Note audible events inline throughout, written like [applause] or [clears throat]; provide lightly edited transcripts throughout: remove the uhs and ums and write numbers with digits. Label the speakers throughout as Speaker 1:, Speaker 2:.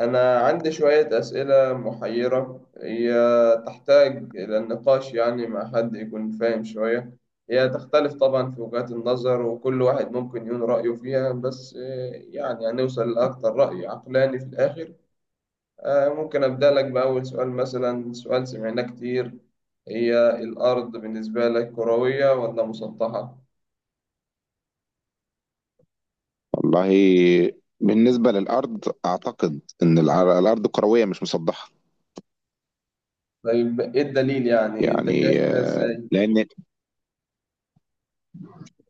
Speaker 1: أنا عندي شوية أسئلة محيرة، هي تحتاج إلى النقاش، يعني مع حد يكون فاهم شوية. هي تختلف طبعا في وجهات النظر، وكل واحد ممكن يقول رأيه فيها، بس يعني هنوصل لأكتر رأي عقلاني في الآخر. ممكن أبدأ لك بأول سؤال، مثلا سؤال سمعناه كتير. هي الأرض بالنسبة لك كروية ولا مسطحة؟
Speaker 2: والله، بالنسبة للأرض أعتقد إن الأرض كروية مش مسطحة.
Speaker 1: طيب إيه الدليل يعني؟ أنت
Speaker 2: يعني
Speaker 1: شايف كده إزاي؟
Speaker 2: لأن،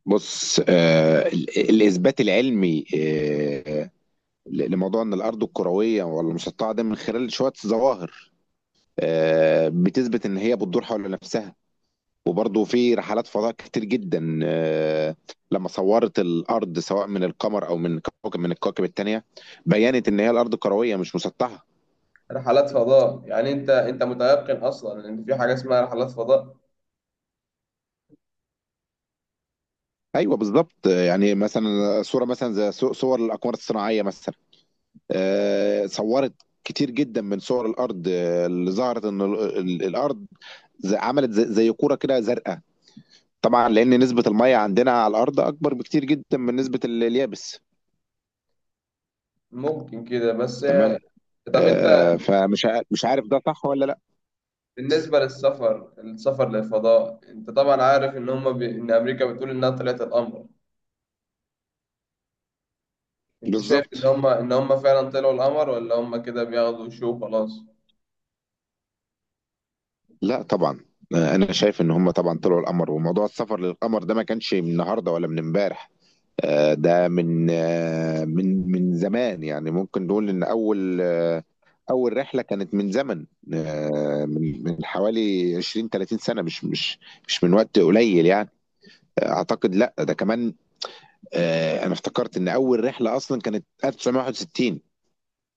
Speaker 2: بص، الإثبات العلمي لموضوع إن الأرض الكروية ولا المسطحة ده من خلال شوية ظواهر بتثبت إن هي بتدور حول نفسها. وبرضه في رحلات فضاء كتير جدا، لما صورت الأرض سواء من القمر أو من كوكب من الكواكب التانية، بينت إن هي الأرض كروية مش مسطحة.
Speaker 1: رحلات فضاء، يعني انت متيقن اصلا ان في حاجه اسمها رحلات فضاء؟
Speaker 2: ايوه بالظبط. يعني مثلا صوره، مثلا زي صور الاقمار الصناعيه مثلا، صورت كتير جدا من صور الارض اللي ظهرت ان الارض عملت زي زي كوره كده زرقاء، طبعا لان نسبه الميه عندنا على الارض اكبر بكتير جدا من نسبه اليابس.
Speaker 1: ممكن كده بس.
Speaker 2: تمام.
Speaker 1: طب انت،
Speaker 2: فمش مش عارف ده صح ولا لا.
Speaker 1: بالنسبه للسفر، السفر للفضاء، انت طبعا عارف ان هم ان امريكا بتقول انها طلعت القمر. انت شايف ان
Speaker 2: بالظبط.
Speaker 1: هم فعلا طلعوا القمر، ولا هم كده بياخدوا شو خلاص؟
Speaker 2: لا طبعا، انا شايف ان هم طبعا طلعوا القمر. وموضوع السفر للقمر ده ما كانش من النهارده ولا من امبارح، ده من من زمان. يعني ممكن نقول ان اول اول رحله كانت من زمن، من حوالي 20 30 سنه. مش من وقت قليل يعني. اعتقد لا، ده كمان انا افتكرت ان اول رحله اصلا كانت 1961.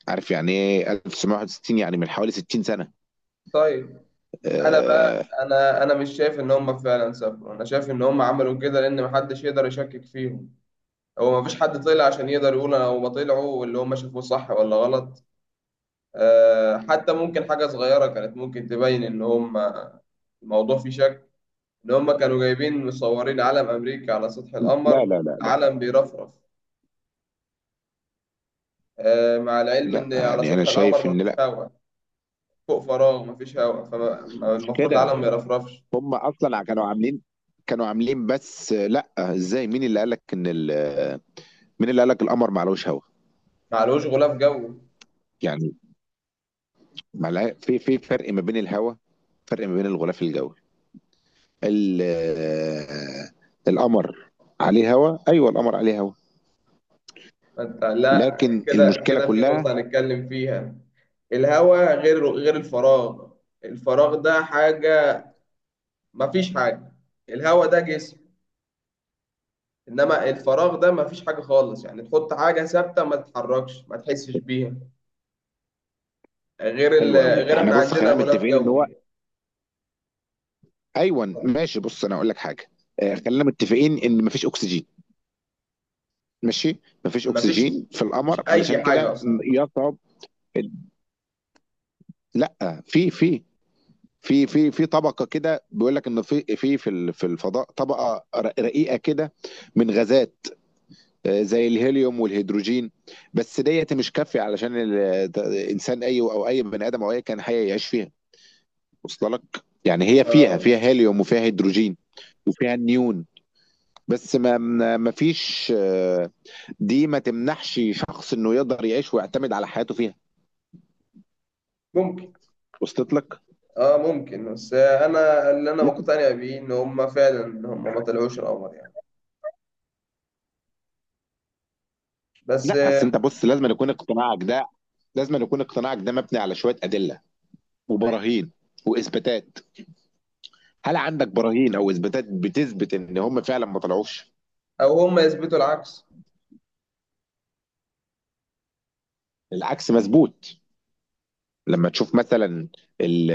Speaker 2: عارف يعني ايه 1961؟ يعني من حوالي 60 سنه.
Speaker 1: طيب. انا
Speaker 2: آه،
Speaker 1: بقى انا مش شايف ان هم فعلا سافروا، انا شايف ان هم عملوا كده لان محدش يقدر يشكك فيهم. هو مفيش حد طلع عشان يقدر يقول انا هم طلعوا واللي هم شافوه صح ولا غلط. حتى ممكن حاجة صغيرة كانت ممكن تبين إن هم الموضوع فيه شك، إن هم كانوا جايبين مصورين علم أمريكا على سطح
Speaker 2: لا
Speaker 1: القمر،
Speaker 2: لا لا لا.
Speaker 1: علم بيرفرف. مع العلم
Speaker 2: لا
Speaker 1: إن على
Speaker 2: يعني انا
Speaker 1: سطح
Speaker 2: شايف
Speaker 1: القمر
Speaker 2: ان
Speaker 1: مفيش
Speaker 2: لا،
Speaker 1: هواء، فوق، فراغ مفيش هواء،
Speaker 2: مش
Speaker 1: فالمفروض
Speaker 2: كده.
Speaker 1: العلم ما يرفرفش.
Speaker 2: هم اصلا كانوا عاملين، كانوا عاملين. بس لا، ازاي؟ مين اللي قالك ان ال...؟ مين اللي قالك القمر معلوش هوا؟
Speaker 1: معلوش غلاف جوي.
Speaker 2: يعني، معلها... في فرق ما بين الهوا، فرق ما بين الغلاف الجوي، ال... القمر عليه هوا. ايوه القمر عليه هوا.
Speaker 1: فأنت، لا،
Speaker 2: لكن
Speaker 1: كده
Speaker 2: المشكله
Speaker 1: كده في
Speaker 2: كلها،
Speaker 1: نقطة هنتكلم فيها. الهواء غير الفراغ. الفراغ ده حاجة، مفيش حاجة. الهواء ده جسم، انما الفراغ ده ما فيش حاجه خالص، يعني تحط حاجه ثابته ما تتحركش ما تحسش بيها. غير ال...
Speaker 2: حلوه قوي،
Speaker 1: غير
Speaker 2: احنا
Speaker 1: احنا
Speaker 2: بص
Speaker 1: عندنا
Speaker 2: خلينا
Speaker 1: غلاف
Speaker 2: متفقين ان هو،
Speaker 1: جوي.
Speaker 2: ايوه ماشي، بص انا اقول لك حاجه، خلينا متفقين ان مفيش اكسجين. ماشي. مفيش
Speaker 1: ما فيش
Speaker 2: اكسجين في
Speaker 1: ما فيش
Speaker 2: القمر علشان
Speaker 1: اي
Speaker 2: كده
Speaker 1: حاجه اصلا.
Speaker 2: يصعب ال- لا، في في طبقه كده، بيقول لك ان في في الفضاء طبقه رقيقه كده، من غازات زي الهيليوم والهيدروجين. بس ديت مش كافيه علشان انسان، اي او اي بني ادم او اي كائن حي، يعيش فيها. وصل لك؟ يعني هي فيها
Speaker 1: اه
Speaker 2: فيها هيليوم وفيها هيدروجين وفيها نيون، بس ما فيش دي ما تمنحش شخص انه يقدر يعيش ويعتمد على حياته فيها.
Speaker 1: ممكن
Speaker 2: وصلت لك؟
Speaker 1: اه ممكن، بس انا اللي انا
Speaker 2: لا
Speaker 1: مقتنع بيه ان هم فعلا، ان هم ما طلعوش القمر يعني. بس
Speaker 2: لا اصل انت بص لازم أن يكون اقتناعك ده، لازم أن يكون اقتناعك ده مبني على شويه ادله وبراهين واثباتات. هل عندك براهين او اثباتات بتثبت ان هم فعلا ما طلعوش؟
Speaker 1: او هم يثبتوا العكس.
Speaker 2: العكس مظبوط. لما تشوف مثلا ال-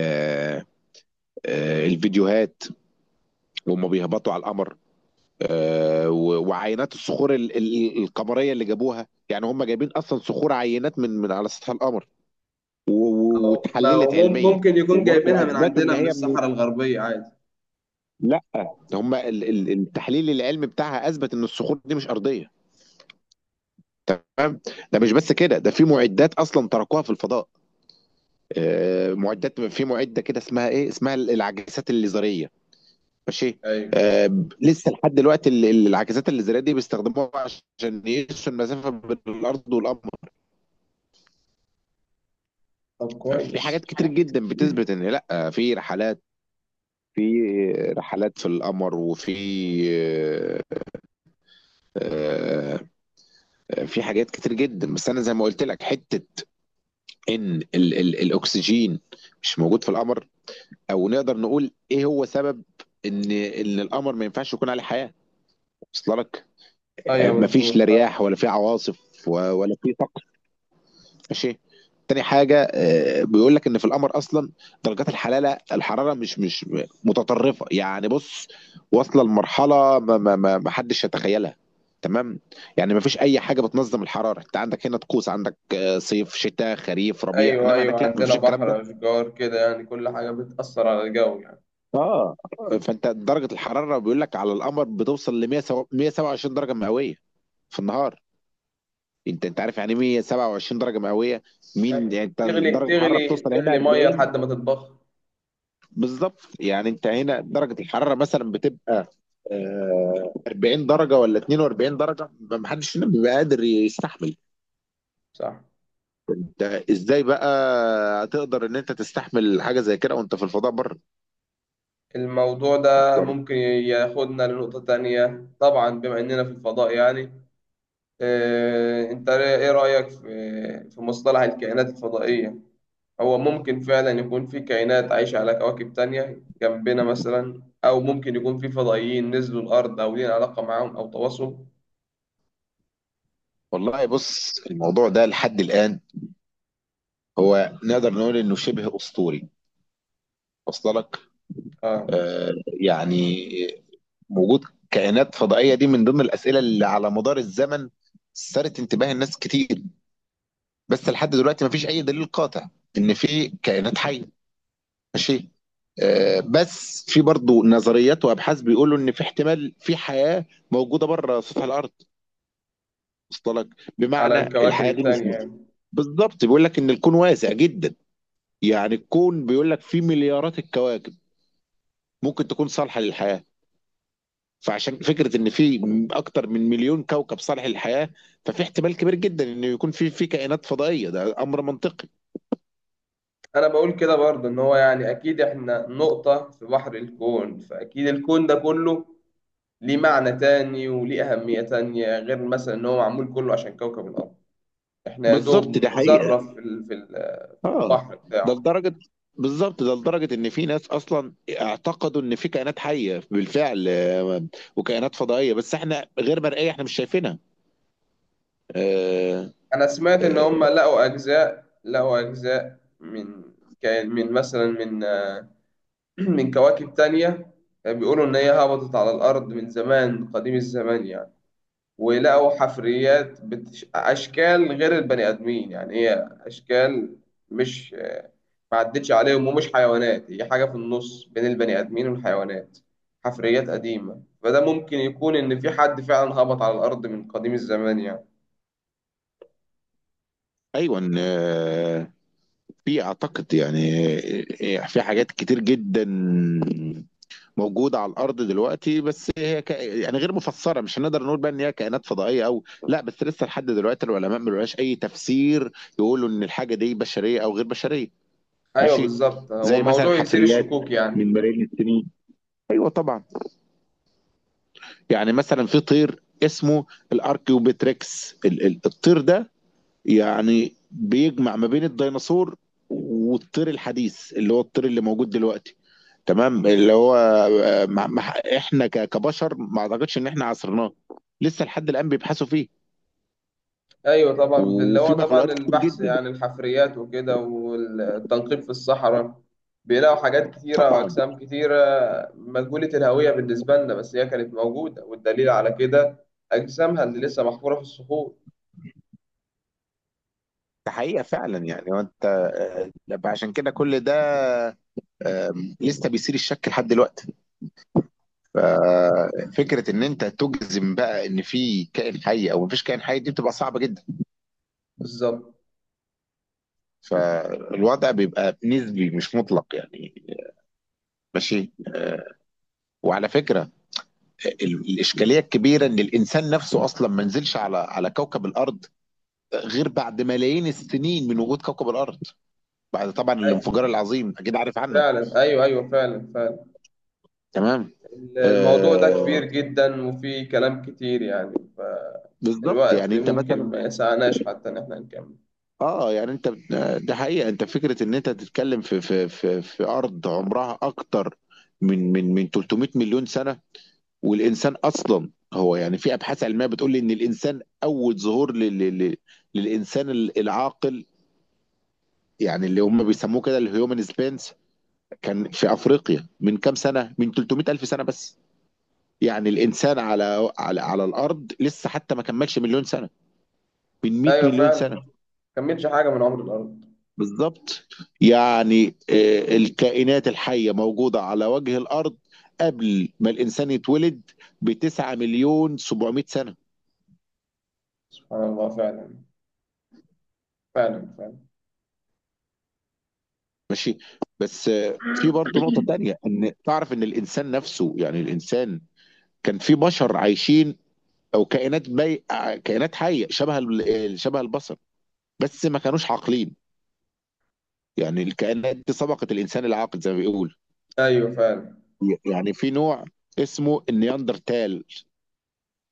Speaker 2: الفيديوهات وهم بيهبطوا على القمر، وعينات الصخور القمريه اللي جابوها. يعني هم جايبين اصلا صخور، عينات من على سطح القمر،
Speaker 1: او ما هو
Speaker 2: واتحللت علميا
Speaker 1: ممكن يكون جايبينها من
Speaker 2: واثبتوا ان
Speaker 1: عندنا من
Speaker 2: هي من...
Speaker 1: الصحراء الغربيه عادي.
Speaker 2: لا، هم التحليل العلمي بتاعها اثبت ان الصخور دي مش ارضيه. تمام؟ ده مش بس كده، ده في مُعدّات أصلًا تركوها في الفضاء، مُعدّات، في مُعدّة كده اسمها إيه، اسمها ال العاكسات الليزرية. ماشي.
Speaker 1: ايوه.
Speaker 2: ب لسه لحد دلوقتي ال العاكسات الليزرية دي بيستخدموها عشان يقيسوا المسافة بين الأرض والقمر.
Speaker 1: طب
Speaker 2: ففي
Speaker 1: كويس.
Speaker 2: حاجات كتير جدًا بتثبت إن لأ، في رحلات، في رحلات في القمر، وفي آآ في حاجات كتير جدًا. بس أنا زي ما قُلت لك حتّة إن ال الأكسجين مش موجود في القمر، او نقدر نقول ايه هو سبب ان القمر ما ينفعش يكون عليه حياه. وصل لك؟
Speaker 1: ايوه
Speaker 2: مفيش لا
Speaker 1: مظبوط.
Speaker 2: رياح ولا في عواصف ولا في طقس. ماشي. تاني حاجه، بيقول لك ان في القمر اصلا درجات الحراره مش متطرفه، يعني بص، واصله لمرحله ما حدش يتخيلها، تمام. يعني ما فيش اي حاجه بتنظم الحراره. انت عندك هنا طقوس، عندك صيف، شتاء، خريف، ربيع،
Speaker 1: ايوه
Speaker 2: انما
Speaker 1: ايوه،
Speaker 2: هناك لا، ما
Speaker 1: عندنا
Speaker 2: فيش الكلام ده.
Speaker 1: بحر، اشجار، كده، يعني كل حاجه بتاثر على الجو يعني.
Speaker 2: اه. فانت درجه الحراره، بيقول لك على القمر، بتوصل ل 100 127 درجه مئويه في النهار. انت عارف يعني إيه 127 درجه مئويه؟ مين
Speaker 1: أيوة.
Speaker 2: يعني انت!
Speaker 1: تغلي
Speaker 2: درجه الحراره
Speaker 1: تغلي
Speaker 2: بتوصل هنا
Speaker 1: تغلي ميه
Speaker 2: 40.
Speaker 1: لحد ما تتبخر.
Speaker 2: بالظبط. يعني انت هنا درجه الحراره مثلا بتبقى 40 درجه ولا 42 درجه، ما حدش هنا بيبقى قادر يستحمل.
Speaker 1: صح.
Speaker 2: ده ازاي بقى هتقدر ان انت تستحمل حاجه زي كده وانت في الفضاء بره؟
Speaker 1: الموضوع ده ممكن ياخدنا لنقطه تانية، طبعا بما اننا في الفضاء يعني. انت ايه رايك في مصطلح الكائنات الفضائيه؟ هو ممكن فعلا يكون في كائنات عايشه على كواكب تانية جنبنا مثلا، او ممكن يكون في فضائيين نزلوا الارض، او لينا علاقه معاهم او تواصل؟
Speaker 2: والله بص، الموضوع ده لحد الان هو نقدر نقول انه شبه اسطوري. وصل لك؟
Speaker 1: آه،
Speaker 2: آه. يعني وجود كائنات فضائيه، دي من ضمن الاسئله اللي على مدار الزمن سارت انتباه الناس كتير. بس لحد دلوقتي ما فيش اي دليل قاطع ان في كائنات حيه. ماشي. آه، بس في برضو نظريات وابحاث بيقولوا ان في احتمال في حياه موجوده بره سطح الارض. وصل لك؟
Speaker 1: على
Speaker 2: بمعنى
Speaker 1: الكواكب
Speaker 2: الحياه دي
Speaker 1: التانية يعني.
Speaker 2: بالظبط، بيقول لك ان الكون واسع جدا. يعني الكون بيقول لك فيه مليارات الكواكب ممكن تكون صالحه للحياه. فعشان فكره ان في اكتر من مليون كوكب صالح للحياه، ففي احتمال كبير جدا انه يكون في كائنات فضائيه، ده امر منطقي.
Speaker 1: انا بقول كده برضه، ان هو يعني اكيد احنا نقطة في بحر الكون، فاكيد الكون ده كله ليه معنى تاني، وليه اهمية تانية، غير مثلا ان هو معمول كله عشان كوكب الارض. احنا يا
Speaker 2: بالظبط، ده
Speaker 1: دوب
Speaker 2: حقيقه.
Speaker 1: ذرة في
Speaker 2: اه.
Speaker 1: البحر
Speaker 2: ده
Speaker 1: بتاعه.
Speaker 2: لدرجه، بالظبط، ده لدرجه ان في ناس اصلا اعتقدوا ان في كائنات حيه بالفعل وكائنات فضائيه، بس احنا غير مرئيه، احنا مش شايفينها. آه،
Speaker 1: انا سمعت ان
Speaker 2: آه،
Speaker 1: هم لقوا اجزاء، من من مثلا من [clears throat] من كواكب تانية، بيقولوا ان هي هبطت على الارض من زمان، قديم الزمان يعني. ولقوا حفريات أشكال غير البني آدمين، يعني هي أشكال، مش، ما عدتش عليهم ومش حيوانات، هي حاجة في النص بين البني آدمين والحيوانات. حفريات قديمة، فده ممكن يكون إن في حد فعلا هبط على الأرض من قديم الزمان يعني.
Speaker 2: ايوه في، اعتقد يعني، في حاجات كتير جدا موجودة على الأرض دلوقتي، بس هي يعني غير مفسرة. مش هنقدر نقول بقى إن هي كائنات فضائية أو لا، بس لسه لحد دلوقتي العلماء ما لهاش أي تفسير يقولوا إن الحاجة دي بشرية أو غير بشرية.
Speaker 1: أيوه
Speaker 2: ماشي.
Speaker 1: بالظبط، هو
Speaker 2: زي مثلا
Speaker 1: موضوع يثير
Speaker 2: حفريات
Speaker 1: الشكوك يعني.
Speaker 2: من ملايين السنين. أيوه طبعا. يعني مثلا في طير اسمه الأركيوبتريكس، الطير ده يعني بيجمع ما بين الديناصور والطير الحديث اللي هو الطير اللي موجود دلوقتي. تمام. اللي هو مع احنا كبشر، ما اعتقدش ان احنا عصرناه. لسه لحد الان بيبحثوا فيه.
Speaker 1: ايوه طبعا، اللي هو
Speaker 2: وفي
Speaker 1: طبعا
Speaker 2: مخلوقات كتير
Speaker 1: البحث
Speaker 2: جدا،
Speaker 1: يعني الحفريات وكده والتنقيب في الصحراء، بيلاقوا حاجات كتيرة
Speaker 2: طبعا.
Speaker 1: وأجسام كتيرة مجهولة الهوية بالنسبة لنا، بس هي كانت موجودة، والدليل على كده أجسامها اللي لسه محفورة في الصخور.
Speaker 2: ده حقيقة فعلا يعني. وانت عشان كده كل ده آه، لسه بيثير الشك لحد دلوقتي. ففكرة ان انت تجزم بقى ان في كائن حي او مفيش كائن حي، دي بتبقى صعبة جدا.
Speaker 1: بالظبط.
Speaker 2: فالوضع بيبقى نسبي مش مطلق يعني. ماشي. وعلى فكرة، الاشكاليه الكبيره ان الانسان نفسه اصلا ما نزلش على كوكب الارض غير بعد ملايين السنين من وجود كوكب الارض، بعد طبعا
Speaker 1: أي-
Speaker 2: الانفجار العظيم، اكيد عارف عنه.
Speaker 1: فعلا، أيوه أيوه، فعلا فعلا.
Speaker 2: تمام.
Speaker 1: الموضوع ده كبير
Speaker 2: آه.
Speaker 1: جدا وفيه كلام كتير يعني،
Speaker 2: بالظبط.
Speaker 1: فالوقت
Speaker 2: يعني انت
Speaker 1: ممكن
Speaker 2: مثلا،
Speaker 1: ما يسعناش حتى إن إحنا نكمل.
Speaker 2: اه يعني انت، ده حقيقه. انت فكره ان انت تتكلم في ارض عمرها اكتر من 300 مليون سنه. والانسان اصلا هو، يعني في ابحاث علميه بتقول ان الانسان اول ظهور للانسان العاقل، يعني اللي هم بيسموه كده الهيومن سبينس، كان في افريقيا من كام سنه، من 300 الف سنه بس. يعني الانسان على على الارض لسه حتى ما كملش مليون سنه من 100
Speaker 1: أيوه
Speaker 2: مليون
Speaker 1: فعلا،
Speaker 2: سنه.
Speaker 1: ما كملش حاجة من عمر الأرض.
Speaker 2: بالظبط. يعني الكائنات الحيه موجوده على وجه الارض قبل ما الانسان يتولد ب 9 مليون 700 سنه.
Speaker 1: سبحان الله، فعلا فعلا فعلا.
Speaker 2: ماشي. بس في برضه نقطه تانية. ان تعرف ان الانسان نفسه، يعني الانسان كان في بشر عايشين، او كائنات كائنات حيه شبه شبه البشر، بس ما كانوش عاقلين. يعني الكائنات دي سبقت الانسان العاقل زي ما بيقول.
Speaker 1: ايوه فعلا.
Speaker 2: يعني في نوع اسمه النياندرتال،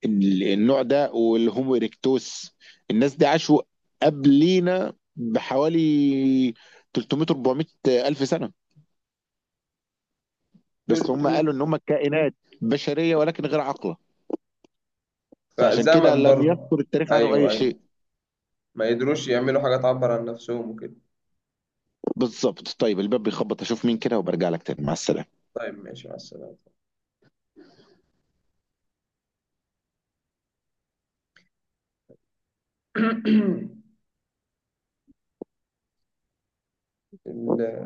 Speaker 2: النوع ده والهومو إيريكتوس، الناس دي عاشوا قبلينا بحوالي 300 400 الف سنه. بس هم
Speaker 1: 300.
Speaker 2: قالوا ان هم كائنات بشريه ولكن غير عاقله، فعشان كده
Speaker 1: فزمن
Speaker 2: لم
Speaker 1: برضه.
Speaker 2: يذكر التاريخ عنه اي
Speaker 1: ايوه ايوه،
Speaker 2: شيء.
Speaker 1: ما يقدروش يعملوا حاجه تعبر عن نفسهم وكده.
Speaker 2: بالظبط. طيب الباب بيخبط، اشوف مين كده وبرجع لك تاني. مع السلامه.
Speaker 1: طيب ماشي، مع السلامه. [clears throat] ال-